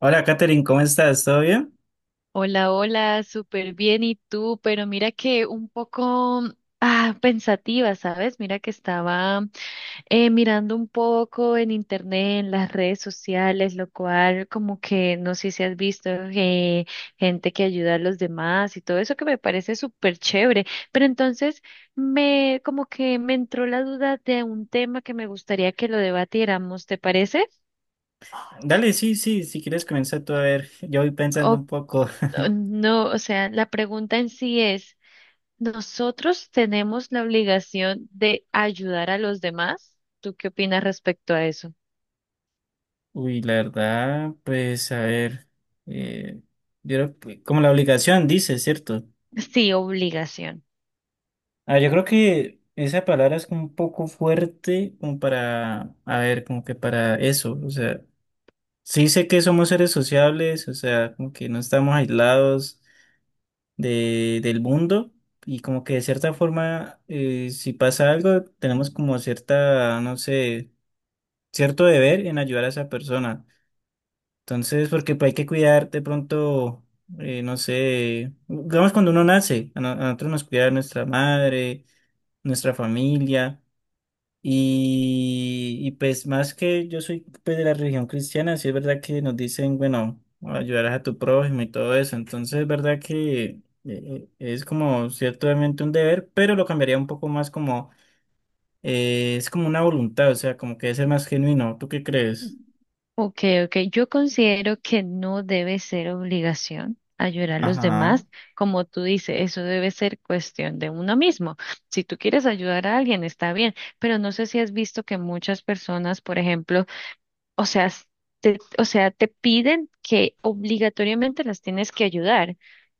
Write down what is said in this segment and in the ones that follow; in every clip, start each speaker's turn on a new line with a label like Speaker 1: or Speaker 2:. Speaker 1: Hola, Katherine, ¿cómo estás? ¿Todo bien?
Speaker 2: Hola, hola, súper bien. ¿Y tú? Pero mira que un poco pensativa, ¿sabes? Mira que estaba mirando un poco en internet, en las redes sociales, lo cual como que no sé si has visto gente que ayuda a los demás y todo eso que me parece súper chévere. Pero entonces me como que me entró la duda de un tema que me gustaría que lo debatiéramos, ¿te parece?
Speaker 1: Dale, sí, sí, si quieres comenzar tú a ver. Yo voy pensando
Speaker 2: O
Speaker 1: un poco.
Speaker 2: o no, o sea, la pregunta en sí es: nosotros tenemos la obligación de ayudar a los demás. ¿Tú qué opinas respecto a eso?
Speaker 1: Uy, la verdad, pues a ver. eh, yo creo que- como la obligación dice, ¿cierto?
Speaker 2: Sí, obligación.
Speaker 1: Ah, yo creo que esa palabra es como un poco fuerte, como para, a ver, como que para eso. O sea, sí sé que somos seres sociables, o sea, como que no estamos aislados del mundo. Y como que de cierta forma, si pasa algo, tenemos como cierta, no sé cierto deber en ayudar a esa persona. Entonces, porque pues, hay que cuidar de pronto, no sé, digamos cuando uno nace, a, no- a nosotros nos cuida nuestra madre, nuestra familia, y pues más que yo soy pues, de la religión cristiana, sí es verdad que nos dicen, bueno, ayudarás a tu prójimo y todo eso. Entonces, es verdad que es como ciertamente un deber, pero lo cambiaría un poco más como, es como una voluntad, o sea, como que debe ser más genuino. ¿Tú qué crees?
Speaker 2: Ok, ok. Yo considero que no debe ser obligación ayudar a los
Speaker 1: Ajá.
Speaker 2: demás. Como tú dices, eso debe ser cuestión de uno mismo. Si tú quieres ayudar a alguien, está bien, pero no sé si has visto que muchas personas, por ejemplo, o sea, te, o sea, te piden que obligatoriamente las tienes que ayudar.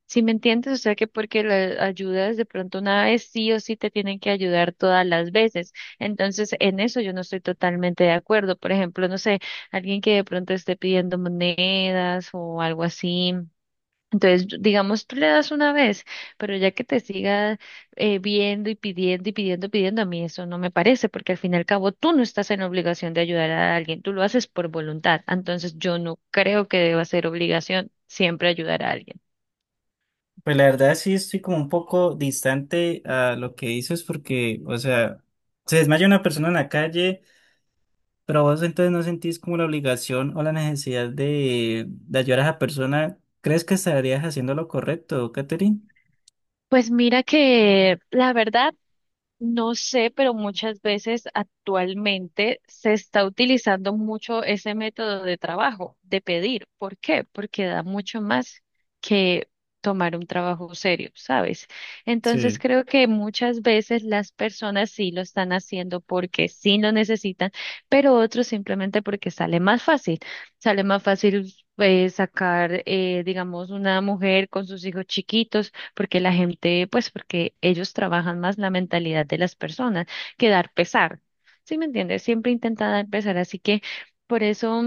Speaker 2: ¿Si me entiendes? O sea, que porque las ayudas de pronto una vez, sí o sí te tienen que ayudar todas las veces. Entonces, en eso yo no estoy totalmente de acuerdo. Por ejemplo, no sé, alguien que de pronto esté pidiendo monedas o algo así. Entonces, digamos, tú le das una vez, pero ya que te siga viendo y pidiendo, pidiendo, a mí eso no me parece, porque al fin y al cabo tú no estás en obligación de ayudar a alguien, tú lo haces por voluntad. Entonces, yo no creo que deba ser obligación siempre ayudar a alguien.
Speaker 1: Pues la verdad sí estoy como un poco distante a lo que dices porque, o sea, se desmaya una persona en la calle, pero vos entonces no sentís como la obligación o la necesidad de ayudar a esa persona. ¿Crees que estarías haciendo lo correcto, Catherine?
Speaker 2: Pues mira que la verdad, no sé, pero muchas veces actualmente se está utilizando mucho ese método de trabajo, de pedir. ¿Por qué? Porque da mucho más que tomar un trabajo serio, ¿sabes? Entonces
Speaker 1: Sí.
Speaker 2: creo que muchas veces las personas sí lo están haciendo porque sí lo necesitan, pero otros simplemente porque sale más fácil. Sale más fácil. Sacar, digamos, una mujer con sus hijos chiquitos, porque la gente, pues porque ellos trabajan más la mentalidad de las personas que dar pesar. ¿Sí me entiendes? Siempre intenta dar pesar, así que por eso.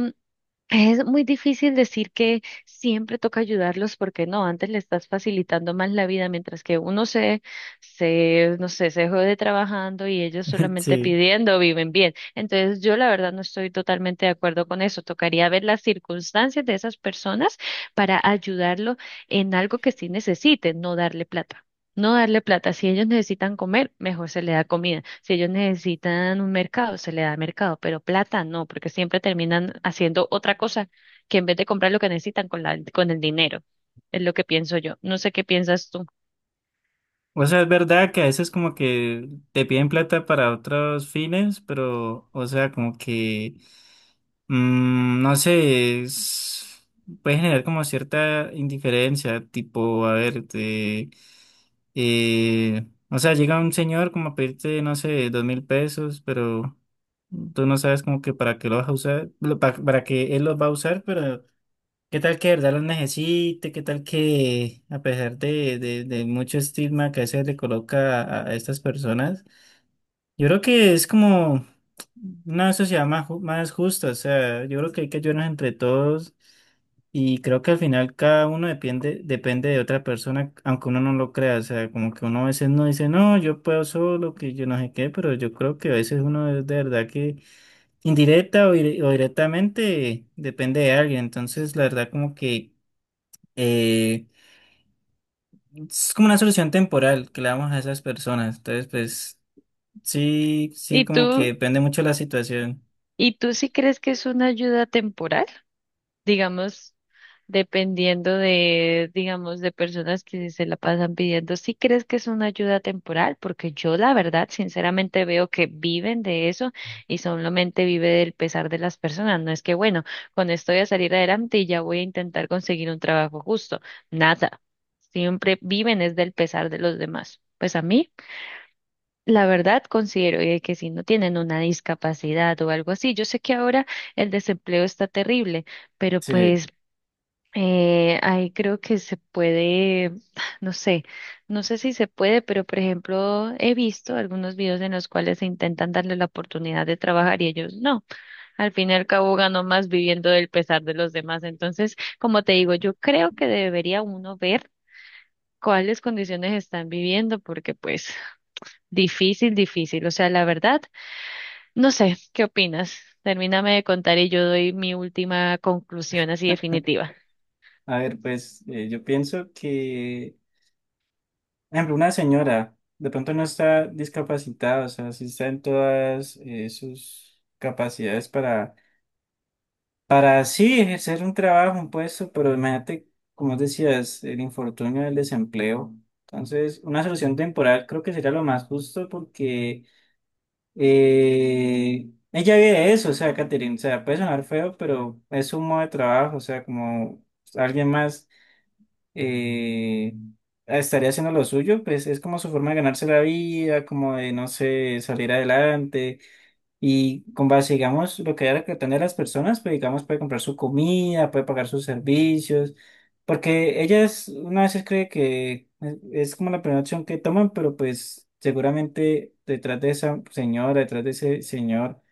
Speaker 2: Es muy difícil decir que siempre toca ayudarlos, porque no, antes le estás facilitando más la vida, mientras que uno se, no sé, se jode trabajando y ellos solamente
Speaker 1: Sí.
Speaker 2: pidiendo viven bien. Entonces yo la verdad no estoy totalmente de acuerdo con eso. Tocaría ver las circunstancias de esas personas para ayudarlo en algo que sí necesiten, no darle plata. No darle plata. Si ellos necesitan comer, mejor se le da comida. Si ellos necesitan un mercado, se le da mercado. Pero plata no, porque siempre terminan haciendo otra cosa, que en vez de comprar lo que necesitan con la, con el dinero. Es lo que pienso yo. No sé qué piensas tú.
Speaker 1: O sea, es verdad que a veces como que te piden plata para otros fines, pero, o sea, como que... no sé, es- puede generar como cierta indiferencia, tipo, a ver, te, o sea, llega un señor como a pedirte, no sé, 2000 pesos, pero tú no sabes como que para qué lo vas a usar, lo- pa- para, que él los va a usar, pero qué tal que de verdad los necesite, qué tal que a pesar de mucho estigma que a veces le coloca a estas personas, yo creo que es como una sociedad más, ju- más justa, o sea, yo creo que hay que ayudarnos entre todos y creo que al final cada uno depende, depende de otra persona, aunque uno no lo crea, o sea, como que uno a veces no dice, no, yo puedo solo, que yo no sé qué, pero yo creo que a veces uno es de verdad que indirecta o, dire- o directamente depende de alguien, entonces la verdad como que eh, es como una solución temporal que le damos a esas personas, entonces pues... Sí, sí,
Speaker 2: ¿Y
Speaker 1: como que
Speaker 2: tú,
Speaker 1: depende mucho de la situación.
Speaker 2: y tú sí crees que es una ayuda temporal? Digamos, dependiendo de, digamos, de personas que se la pasan pidiendo. ¿Sí crees que es una ayuda temporal? Porque yo, la verdad, sinceramente veo que viven de eso y solamente vive del pesar de las personas. No es que, bueno, con esto voy a salir adelante y ya voy a intentar conseguir un trabajo justo. Nada. Siempre viven es del pesar de los demás. Pues a mí, la verdad, considero que si no tienen una discapacidad o algo así, yo sé que ahora el desempleo está terrible, pero
Speaker 1: Sí,
Speaker 2: pues ahí creo que se puede, no sé, no sé si se puede, pero por ejemplo, he visto algunos videos en los cuales se intentan darle la oportunidad de trabajar y ellos no. Al fin y al cabo ganó más viviendo del pesar de los demás. Entonces, como te digo, yo creo que debería uno ver cuáles condiciones están viviendo, porque pues difícil, difícil. O sea, la verdad, no sé, ¿qué opinas? Termíname de contar y yo doy mi última conclusión así definitiva.
Speaker 1: a ver, pues yo pienso que, por ejemplo, una señora de pronto no está discapacitada, o sea, sí está en todas sus capacidades para sí ejercer un trabajo, un puesto, pero imagínate, como decías, el infortunio del desempleo. Entonces, una solución temporal creo que sería lo más justo porque Eh, ella vive de eso, o sea, Catherine, o sea, puede sonar feo, pero es un modo de trabajo, o sea, como alguien más eh, estaría haciendo lo suyo, pues es como su forma de ganarse la vida, como de, no sé, salir adelante, y con base, digamos, lo que haya que tener las personas, pues digamos, puede comprar su comida, puede pagar sus servicios, porque ellas una vez cree que es como la primera opción que toman, pero pues seguramente detrás de esa señora, detrás de ese señor,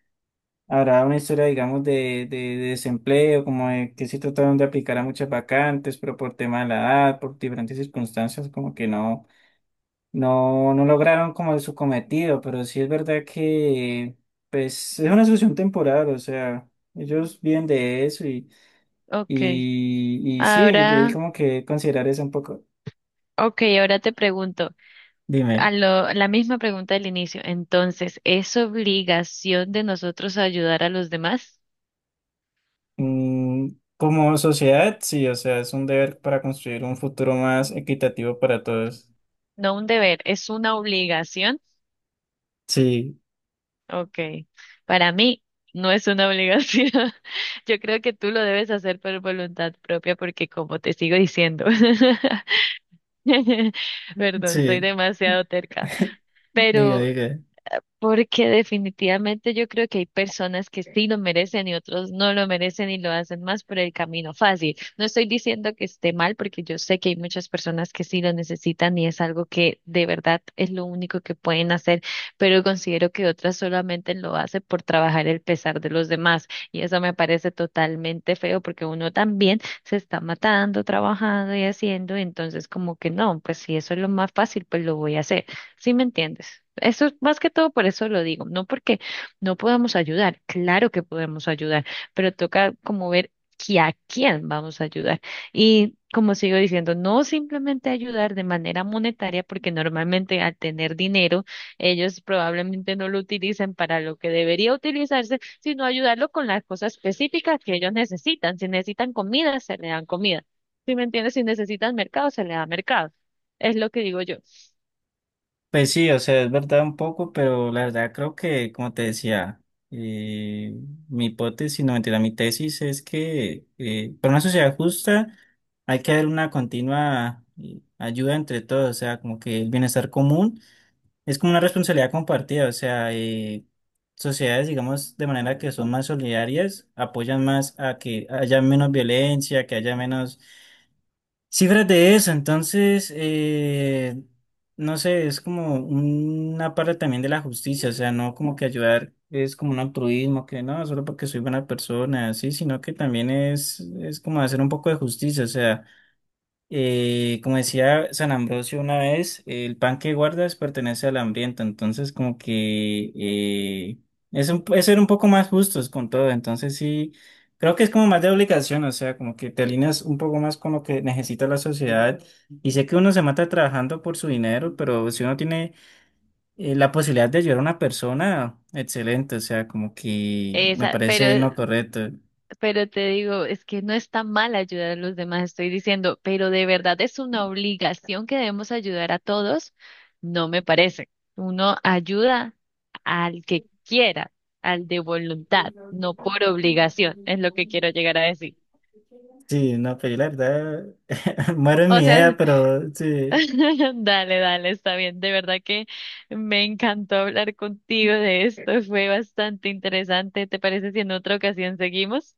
Speaker 1: habrá una historia, digamos, de desempleo, como de que sí trataron de aplicar a muchas vacantes, pero por tema de la edad, por diferentes circunstancias, como que no. No, no lograron como su cometido, pero sí es verdad que pues es una solución temporal, o sea, ellos viven de eso y,
Speaker 2: Ok,
Speaker 1: y, y sí, de ahí
Speaker 2: ahora.
Speaker 1: como que considerar eso un poco.
Speaker 2: Ok, ahora te pregunto,
Speaker 1: Dime,
Speaker 2: la misma pregunta del inicio. Entonces, ¿es obligación de nosotros ayudar a los demás?
Speaker 1: mm, como sociedad, sí, o sea, es un deber para construir un futuro más equitativo para todos.
Speaker 2: No un deber, ¿es una obligación?
Speaker 1: Sí,
Speaker 2: Ok, para mí no es una obligación. Yo creo que tú lo debes hacer por voluntad propia, porque como te sigo diciendo, perdón, soy
Speaker 1: sí,
Speaker 2: demasiado terca,
Speaker 1: diga,
Speaker 2: pero
Speaker 1: diga.
Speaker 2: porque definitivamente yo creo que hay personas que sí lo merecen y otros no lo merecen y lo hacen más por el camino fácil. No estoy diciendo que esté mal, porque yo sé que hay muchas personas que sí lo necesitan y es algo que de verdad es lo único que pueden hacer, pero considero que otras solamente lo hacen por trabajar el pesar de los demás. Y eso me parece totalmente feo, porque uno también se está matando, trabajando y haciendo, entonces como que no, pues si eso es lo más fácil, pues lo voy a hacer. ¿Sí me entiendes? Eso es más que todo por eso lo digo, no porque no podamos ayudar, claro que podemos ayudar, pero toca como ver que a quién vamos a ayudar. Y como sigo diciendo, no simplemente ayudar de manera monetaria, porque normalmente al tener dinero, ellos probablemente no lo utilicen para lo que debería utilizarse, sino ayudarlo con las cosas específicas que ellos necesitan. Si necesitan comida, se le dan comida. ¿Si me entiendes? Si necesitan mercado, se le da mercado. Es lo que digo yo.
Speaker 1: Pues sí, o sea, es verdad un poco, pero la verdad creo que, como te decía, eh, mi hipótesis, no mentira, mi tesis es que para una sociedad justa hay que haber una continua ayuda entre todos, o sea, como que el bienestar común es como una responsabilidad compartida, o sea, sociedades, digamos, de manera que son más solidarias, apoyan más a que haya menos violencia, que haya menos cifras de eso, entonces, no sé, es como una parte también de la justicia, o sea, no como que ayudar es como un altruismo, que no, solo porque soy buena persona, sí, sino que también es como hacer un poco de justicia, o sea. Como decía San Ambrosio una vez, el pan que guardas pertenece al hambriento, entonces como que es, un- es ser un poco más justos con todo, entonces sí, creo que es como más de obligación, o sea, como que te alineas un poco más con lo que necesita la sociedad y sé que uno se mata trabajando por su dinero, pero si uno tiene la posibilidad de ayudar a una persona, excelente, o sea, como que me
Speaker 2: Esa,
Speaker 1: parece no correcto.
Speaker 2: pero te digo, es que no está mal ayudar a los demás, estoy diciendo, pero de verdad es una obligación que debemos ayudar a todos, no me parece. Uno ayuda al que quiera, al de voluntad, no por obligación, es lo que quiero llegar a decir.
Speaker 1: Sí, no, pero yo la verdad muero en mi
Speaker 2: O
Speaker 1: idea,
Speaker 2: sea,
Speaker 1: pero sí.
Speaker 2: dale, dale, está bien. De verdad que me encantó hablar contigo de esto, fue bastante interesante. ¿Te parece si en otra ocasión seguimos?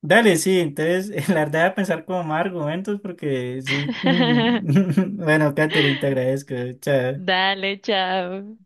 Speaker 1: Dale, sí, entonces la verdad voy a pensar como más argumentos porque sí. Mm. Bueno, Catherine, te agradezco. Chao.
Speaker 2: Dale, chao.